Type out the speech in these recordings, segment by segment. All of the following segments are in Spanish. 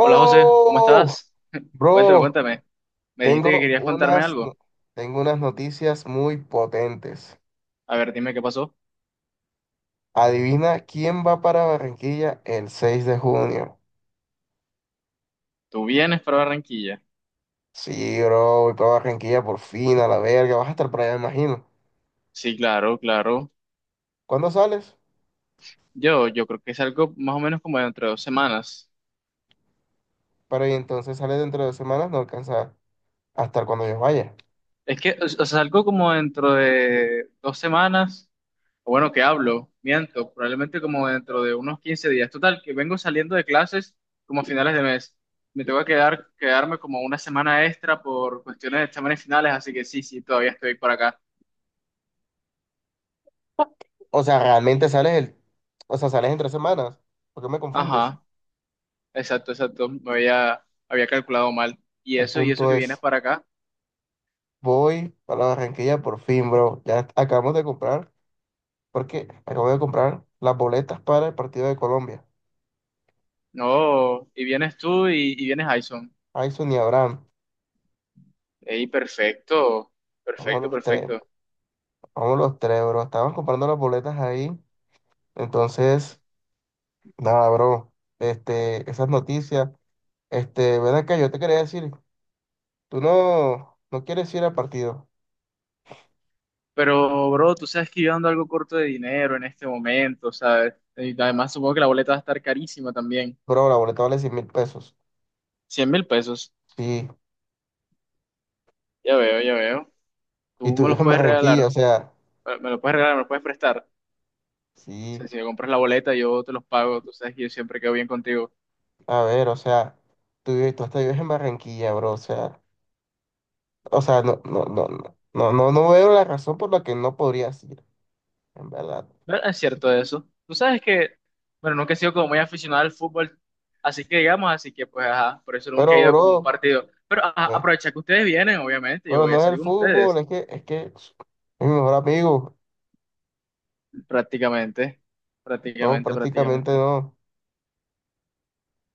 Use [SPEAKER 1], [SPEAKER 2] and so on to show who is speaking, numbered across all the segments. [SPEAKER 1] Hola José, ¿cómo estás? Cuéntame,
[SPEAKER 2] bro,
[SPEAKER 1] cuéntame. Me dijiste que
[SPEAKER 2] tengo
[SPEAKER 1] querías contarme
[SPEAKER 2] unas, no-
[SPEAKER 1] algo.
[SPEAKER 2] tengo unas noticias muy potentes.
[SPEAKER 1] A ver, dime qué pasó.
[SPEAKER 2] Adivina quién va para Barranquilla el seis de junio.
[SPEAKER 1] ¿Tú vienes para Barranquilla?
[SPEAKER 2] Sí, bro, voy para Barranquilla por fin, a la verga. Vas a estar por allá, me imagino.
[SPEAKER 1] Sí, claro, claro.
[SPEAKER 2] ¿Cuándo sales?
[SPEAKER 1] Yo creo que salgo más o menos como dentro de dos semanas.
[SPEAKER 2] Para y entonces sales dentro de dos semanas, no alcanza a estar cuando yo vaya.
[SPEAKER 1] Es que, o sea, salgo como dentro de dos semanas. O bueno, que hablo, miento, probablemente como dentro de unos 15 días. Total, que vengo saliendo de clases como a finales de mes. Me tengo que quedar, quedarme como una semana extra por cuestiones de exámenes finales, así que sí, sí, todavía estoy por acá.
[SPEAKER 2] O sea, realmente o sea, sales en tres semanas. ¿Por qué me confundes?
[SPEAKER 1] Ajá. Exacto, exacto. Me había calculado mal. Y
[SPEAKER 2] El
[SPEAKER 1] eso, y eso que
[SPEAKER 2] punto
[SPEAKER 1] vienes
[SPEAKER 2] es,
[SPEAKER 1] para acá.
[SPEAKER 2] voy para Barranquilla por fin, bro. Ya acabamos de comprar. Porque acabo de comprar las boletas para el partido de Colombia.
[SPEAKER 1] No, y vienes tú y vienes Jason.
[SPEAKER 2] Ayson y Abraham.
[SPEAKER 1] Ey, perfecto,
[SPEAKER 2] Vamos
[SPEAKER 1] perfecto,
[SPEAKER 2] los tres.
[SPEAKER 1] perfecto.
[SPEAKER 2] Vamos los tres, bro. Estábamos comprando las boletas ahí. Entonces, nada, bro. Este, esas noticias. Este, ven acá, yo te quería decir, tú no quieres ir al partido.
[SPEAKER 1] Pero, bro, tú sabes que yo ando algo corto de dinero en este momento, ¿sabes? Y además supongo que la boleta va a estar carísima también.
[SPEAKER 2] Bro, la boleta vale 100 mil pesos.
[SPEAKER 1] 100.000 pesos.
[SPEAKER 2] Sí.
[SPEAKER 1] Ya veo, ya veo.
[SPEAKER 2] Y
[SPEAKER 1] Tú
[SPEAKER 2] tú
[SPEAKER 1] me los
[SPEAKER 2] vives en
[SPEAKER 1] puedes
[SPEAKER 2] Barranquilla, o
[SPEAKER 1] regalar.
[SPEAKER 2] sea,
[SPEAKER 1] Me los puedes regalar, me los puedes prestar. O
[SPEAKER 2] sí.
[SPEAKER 1] sea, si me compras la boleta, yo te los pago. Tú sabes que yo siempre quedo bien contigo.
[SPEAKER 2] A ver, o sea, tú hasta vives en Barranquilla, bro. O sea, no veo la razón por la que no podrías ir. En verdad.
[SPEAKER 1] No, es cierto eso. Tú sabes que, bueno, nunca he sido como muy aficionado al fútbol, así que digamos, así que pues, ajá, por eso nunca he
[SPEAKER 2] Pero,
[SPEAKER 1] ido como a un
[SPEAKER 2] bro,
[SPEAKER 1] partido. Pero ajá,
[SPEAKER 2] no es-
[SPEAKER 1] aprovecha que ustedes vienen, obviamente, yo
[SPEAKER 2] pero
[SPEAKER 1] voy a
[SPEAKER 2] no es el
[SPEAKER 1] salir con
[SPEAKER 2] fútbol,
[SPEAKER 1] ustedes,
[SPEAKER 2] es que es mi mejor amigo.
[SPEAKER 1] prácticamente,
[SPEAKER 2] No,
[SPEAKER 1] prácticamente,
[SPEAKER 2] prácticamente
[SPEAKER 1] prácticamente.
[SPEAKER 2] no.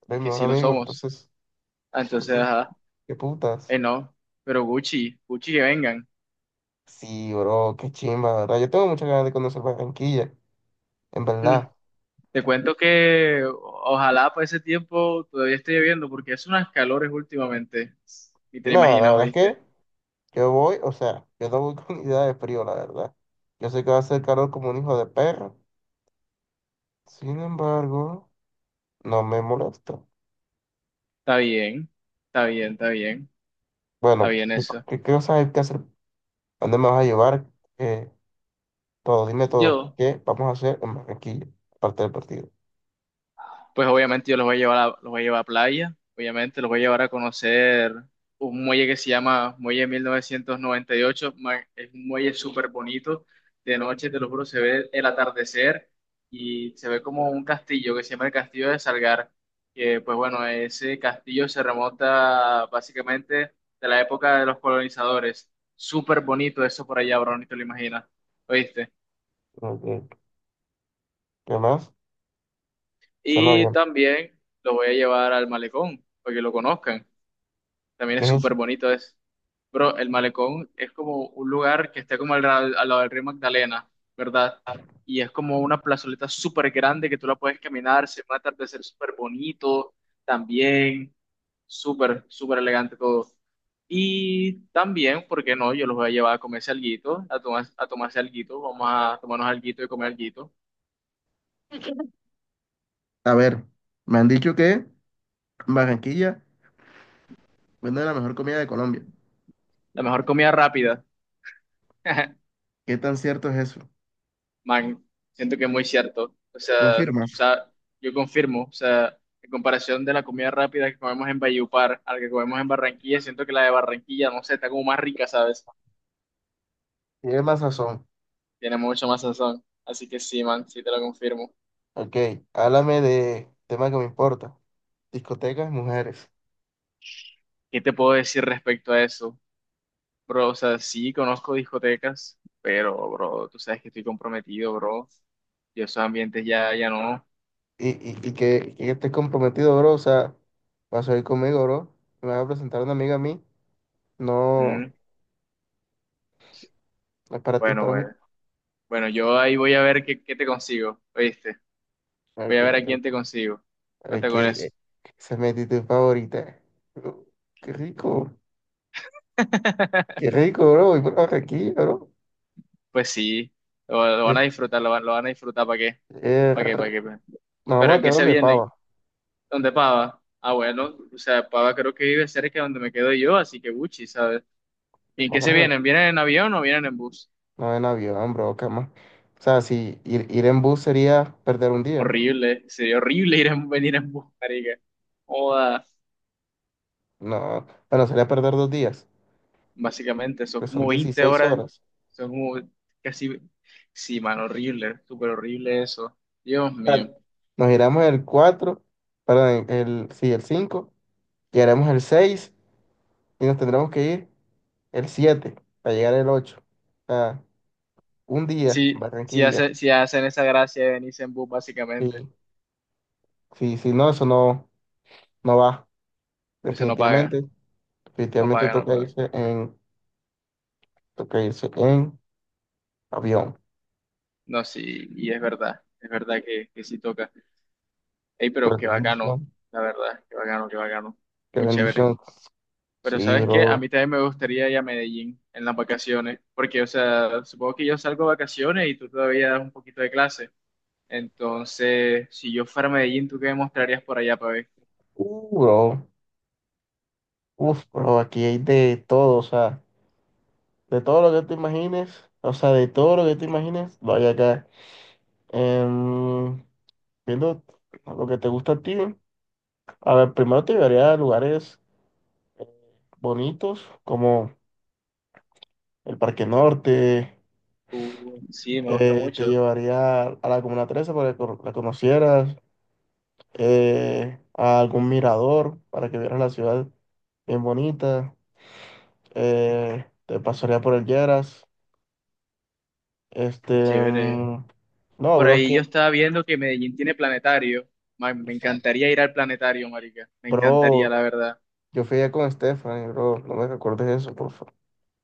[SPEAKER 2] Es mi
[SPEAKER 1] Es que
[SPEAKER 2] mejor
[SPEAKER 1] sí lo
[SPEAKER 2] amigo.
[SPEAKER 1] somos.
[SPEAKER 2] Entonces,
[SPEAKER 1] Ah, entonces,
[SPEAKER 2] entonces,
[SPEAKER 1] ajá,
[SPEAKER 2] qué putas.
[SPEAKER 1] no, pero Gucci, Gucci que vengan.
[SPEAKER 2] Sí, bro, qué chimba, la verdad. Yo tengo muchas ganas de conocer Barranquilla, en
[SPEAKER 1] Mm,
[SPEAKER 2] verdad.
[SPEAKER 1] Te cuento que ojalá para ese tiempo todavía esté lloviendo, porque es unas calores últimamente, y te lo
[SPEAKER 2] Nada, la
[SPEAKER 1] imaginas,
[SPEAKER 2] verdad es
[SPEAKER 1] ¿oíste?
[SPEAKER 2] que yo voy, o sea, yo no voy con idea de frío, la verdad. Yo sé que va a ser calor como un hijo de perro. Sin embargo, no me molesta.
[SPEAKER 1] Está bien, está bien, está bien. Está
[SPEAKER 2] Bueno,
[SPEAKER 1] bien eso.
[SPEAKER 2] ¿qué, qué cosas hay que hacer? ¿A ¿dónde me vas a llevar? Todo, dime todo.
[SPEAKER 1] Yo,
[SPEAKER 2] ¿Qué vamos a hacer en Barranquilla? Aparte del partido.
[SPEAKER 1] pues obviamente yo los voy a llevar a, los voy a llevar a playa, obviamente los voy a llevar a conocer un muelle que se llama Muelle 1998, es un muelle súper bonito, de noche, te lo juro, se ve el atardecer y se ve como un castillo que se llama el Castillo de Salgar, que pues bueno, ese castillo se remonta básicamente de la época de los colonizadores, súper bonito eso por allá, bro, ni te lo imaginas, ¿oíste?
[SPEAKER 2] Como ¿qué más? Suena
[SPEAKER 1] Y
[SPEAKER 2] bien.
[SPEAKER 1] también lo voy a llevar al malecón, para que lo conozcan. También
[SPEAKER 2] ¿Qué
[SPEAKER 1] es
[SPEAKER 2] es
[SPEAKER 1] súper
[SPEAKER 2] eso?
[SPEAKER 1] bonito eso. Bro, el malecón es como un lugar que está como al lado del río Magdalena, ¿verdad? Y es como una plazoleta súper grande que tú la puedes caminar, se va a atardecer súper bonito también. Súper, súper elegante todo. Y también, ¿por qué no? Yo los voy a llevar a comerse alguito, a, tomar, a tomarse alguito. Vamos a tomarnos alguito y comer alguito.
[SPEAKER 2] A ver, me han dicho que en Barranquilla vende la mejor comida de Colombia.
[SPEAKER 1] La mejor comida rápida.
[SPEAKER 2] ¿Qué tan cierto es eso?
[SPEAKER 1] Man, siento que es muy cierto. O sea,
[SPEAKER 2] ¿Confirmas?
[SPEAKER 1] yo confirmo. O sea, en comparación de la comida rápida que comemos en Valledupar a la que comemos en Barranquilla, siento que la de Barranquilla, no sé, está como más rica, ¿sabes?
[SPEAKER 2] Tiene más sazón.
[SPEAKER 1] Tiene mucho más sazón. Así que sí, man, sí te lo confirmo.
[SPEAKER 2] Ok, háblame de tema que me importa. Discotecas, mujeres.
[SPEAKER 1] ¿Qué te puedo decir respecto a eso? Bro, o sea, sí conozco discotecas, pero, bro, tú sabes que estoy comprometido, bro. Y esos ambientes ya, ya no.
[SPEAKER 2] Y que estés comprometido, bro. O sea, vas a ir conmigo, bro. Me vas a presentar a una amiga a mí. No,
[SPEAKER 1] Mm,
[SPEAKER 2] no es para ti, es
[SPEAKER 1] bueno,
[SPEAKER 2] para mí.
[SPEAKER 1] bueno. Bueno, yo ahí voy a ver qué te consigo, ¿oíste? Voy
[SPEAKER 2] Ok,
[SPEAKER 1] a ver a quién te consigo. Cuenta
[SPEAKER 2] Ok,
[SPEAKER 1] con eso.
[SPEAKER 2] esa es mi actitud favorita. Uh, Qué rico, qué rico, bro. Y por Barranquilla, bro.
[SPEAKER 1] Pues sí, lo
[SPEAKER 2] Eh,
[SPEAKER 1] van a disfrutar, lo van a disfrutar, ¿para qué?
[SPEAKER 2] eh,
[SPEAKER 1] ¿Para qué? ¿Para qué? ¿Pa' qué?
[SPEAKER 2] nos
[SPEAKER 1] Pero
[SPEAKER 2] vamos a
[SPEAKER 1] ¿en qué
[SPEAKER 2] quedar
[SPEAKER 1] se
[SPEAKER 2] donde
[SPEAKER 1] vienen?
[SPEAKER 2] pava.
[SPEAKER 1] ¿Dónde Pava? Ah, bueno, o sea, Pava creo que vive cerca de donde me quedo yo, así que Buchi, ¿sabes? ¿Y en qué
[SPEAKER 2] Vamos
[SPEAKER 1] se
[SPEAKER 2] a-
[SPEAKER 1] vienen? ¿Vienen en avión o vienen en bus?
[SPEAKER 2] no en avión, bro, cama. O sea, si ir, ir en bus sería perder un día.
[SPEAKER 1] Horrible, sería horrible ir en, venir en bus, marica. Joda,
[SPEAKER 2] No, bueno, sería perder dos días,
[SPEAKER 1] básicamente, son
[SPEAKER 2] pues son
[SPEAKER 1] como 20
[SPEAKER 2] 16
[SPEAKER 1] horas,
[SPEAKER 2] horas.
[SPEAKER 1] son como casi, sí, man, horrible, súper horrible eso. Dios
[SPEAKER 2] O sea,
[SPEAKER 1] mío.
[SPEAKER 2] nos iremos el 4, perdón, el 5, llegaremos el 6 y nos tendremos que ir el 7 para llegar el ocho. O sea, un día en
[SPEAKER 1] Si, si,
[SPEAKER 2] Barranquilla.
[SPEAKER 1] hace- si hacen esa gracia de venirse en bus, básicamente,
[SPEAKER 2] Sí, sí, no, eso no, no va.
[SPEAKER 1] eso no paga,
[SPEAKER 2] Definitivamente,
[SPEAKER 1] no
[SPEAKER 2] definitivamente
[SPEAKER 1] paga, no
[SPEAKER 2] toca
[SPEAKER 1] paga.
[SPEAKER 2] irse en, toca irse en avión.
[SPEAKER 1] No, sí, y es verdad que sí toca. Ey, pero
[SPEAKER 2] Pero qué
[SPEAKER 1] qué bacano,
[SPEAKER 2] bendición,
[SPEAKER 1] la verdad, qué bacano, qué bacano.
[SPEAKER 2] qué
[SPEAKER 1] Muy chévere.
[SPEAKER 2] bendición.
[SPEAKER 1] Pero
[SPEAKER 2] Sí,
[SPEAKER 1] ¿sabes qué? A
[SPEAKER 2] bro.
[SPEAKER 1] mí también me gustaría ir a Medellín en las vacaciones, porque, o sea, supongo que yo salgo de vacaciones y tú todavía das un poquito de clase. Entonces, si yo fuera a Medellín, ¿tú qué me mostrarías por allá para ver?
[SPEAKER 2] Bro. Uf, bro, aquí hay de todo, o sea, de todo lo que te imagines, o sea, de todo lo que te imagines, lo hay acá. Em, viendo lo que te gusta a ti, a ver, primero te llevaría a lugares bonitos como el Parque Norte.
[SPEAKER 1] Sí, me gusta
[SPEAKER 2] Te
[SPEAKER 1] mucho.
[SPEAKER 2] llevaría a la Comuna trece para que la conocieras, a algún mirador para que vieras la ciudad bien bonita, te pasaría por el Lleras, este,
[SPEAKER 1] Qué chévere.
[SPEAKER 2] mm, no,
[SPEAKER 1] Por
[SPEAKER 2] bro, es
[SPEAKER 1] ahí yo
[SPEAKER 2] que,
[SPEAKER 1] estaba viendo que Medellín tiene planetario. Man, me
[SPEAKER 2] sí,
[SPEAKER 1] encantaría ir al planetario, marica. Me encantaría,
[SPEAKER 2] bro,
[SPEAKER 1] la verdad.
[SPEAKER 2] yo fui allá con Stephanie, bro, no me recuerdes eso, por favor.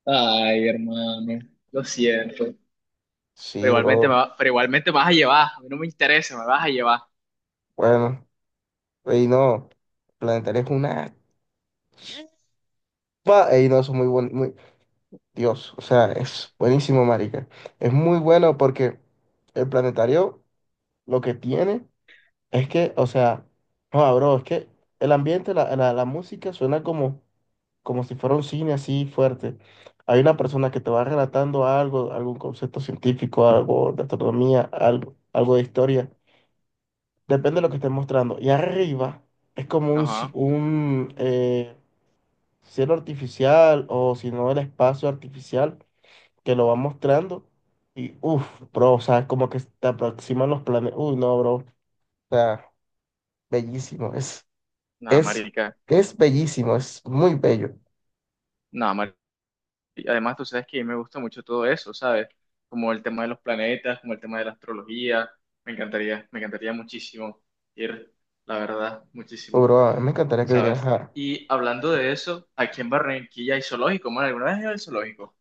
[SPEAKER 1] Ay, hermano, lo siento. Pero
[SPEAKER 2] Sí,
[SPEAKER 1] igualmente
[SPEAKER 2] bro,
[SPEAKER 1] pero igualmente me vas a llevar. A mí no me interesa, me vas a llevar.
[SPEAKER 2] bueno, y no, Planetaria es una, pa, y no, eso es muy bonito, Dios, o sea, es buenísimo, marica. Es muy bueno porque el planetario lo que tiene es que, o sea, no, bro, es que el ambiente, la música suena como, como si fuera un cine así fuerte. Hay una persona que te va relatando algo, algún concepto científico, algo de astronomía, algo de historia. Depende de lo que estés mostrando. Y arriba es como un,
[SPEAKER 1] Ajá.
[SPEAKER 2] cielo artificial o si no el espacio artificial que lo va mostrando y uff, bro, o sea, como que te aproximan los planes. Uy, no, bro, o sea, bellísimo,
[SPEAKER 1] Nada,
[SPEAKER 2] es,
[SPEAKER 1] marica.
[SPEAKER 2] es bellísimo, es muy bello.
[SPEAKER 1] Nada, marica. Además, tú sabes que a mí me gusta mucho todo eso, ¿sabes? Como el tema de los planetas, como el tema de la astrología. Me encantaría muchísimo ir, la verdad,
[SPEAKER 2] Oh,
[SPEAKER 1] muchísimo.
[SPEAKER 2] bro, a mí me encantaría que vinieras
[SPEAKER 1] ¿Sabes?
[SPEAKER 2] a...
[SPEAKER 1] Y hablando de eso, aquí en Barranquilla hay zoológico, man. ¿Alguna vez has ido al zoológico?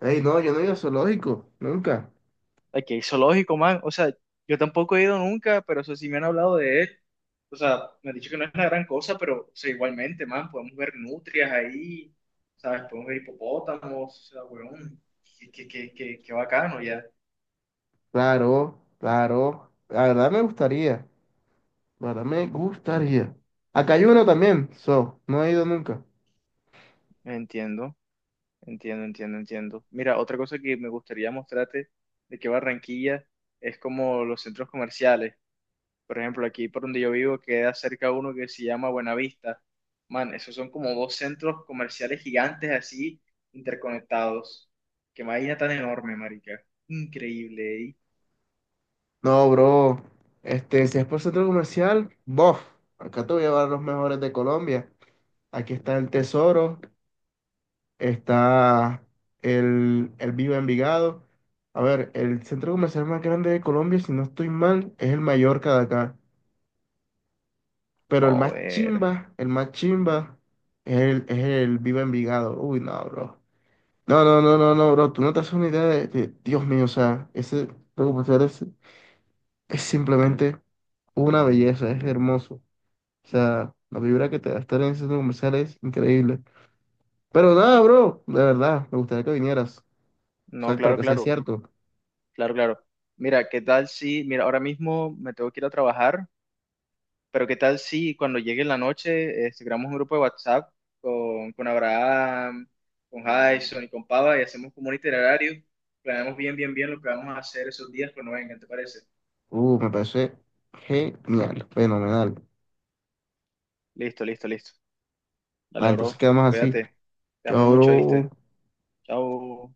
[SPEAKER 2] Ey, no, yo no he ido a zoológico, nunca.
[SPEAKER 1] Aquí hay zoológico, man. O sea, yo tampoco he ido nunca, pero eso sí me han hablado de él. O sea, me han dicho que no es una gran cosa, pero o sea, igualmente, man, podemos ver nutrias ahí, ¿sabes? Podemos ver hipopótamos, o sea, weón, qué bacano ya.
[SPEAKER 2] Claro, claro, la verdad me gustaría, la verdad me gustaría. Acá hay uno también, so, no he ido nunca.
[SPEAKER 1] Entiendo, entiendo, entiendo, entiendo. Mira, otra cosa que me gustaría mostrarte de que Barranquilla es como los centros comerciales. Por ejemplo, aquí por donde yo vivo queda cerca uno que se llama Buenavista. Man, esos son como dos centros comerciales gigantes así, interconectados. Qué vaina tan enorme, marica. Increíble, ¿eh?
[SPEAKER 2] No, bro, este, si es por centro comercial, bof, acá te voy a llevar los mejores de Colombia. Aquí está el tesoro, está el Viva Envigado. A ver, el centro comercial más grande de Colombia, si no estoy mal, es el Mallorca de acá. Pero
[SPEAKER 1] Joder.
[SPEAKER 2] el más chimba, es el Viva Envigado. Uy, no, bro. No, bro. Tú no te haces una idea Dios mío, o sea, ese centro comercial es simplemente una belleza, es hermoso. O sea, la vibra que te da estar en ese centro comercial es increíble. Pero nada, bro, de verdad, me gustaría que vinieras. O
[SPEAKER 1] No,
[SPEAKER 2] sea, para
[SPEAKER 1] claro,
[SPEAKER 2] que sea
[SPEAKER 1] claro,
[SPEAKER 2] cierto.
[SPEAKER 1] claro, claro. Mira, ¿qué tal si, mira, ahora mismo me tengo que ir a trabajar, pero qué tal si cuando llegue la noche creamos un grupo de WhatsApp con Abraham, con Jason y con Pava y hacemos como un itinerario, planeamos bien, bien, bien lo que vamos a hacer esos días cuando vengan, ¿te parece?
[SPEAKER 2] Me parece genial, fenomenal.
[SPEAKER 1] Listo, listo, listo.
[SPEAKER 2] Va,
[SPEAKER 1] Dale,
[SPEAKER 2] entonces
[SPEAKER 1] bro.
[SPEAKER 2] quedamos así.
[SPEAKER 1] Cuídate. Te
[SPEAKER 2] Yo
[SPEAKER 1] amo mucho, ¿viste?
[SPEAKER 2] abro
[SPEAKER 1] Chao.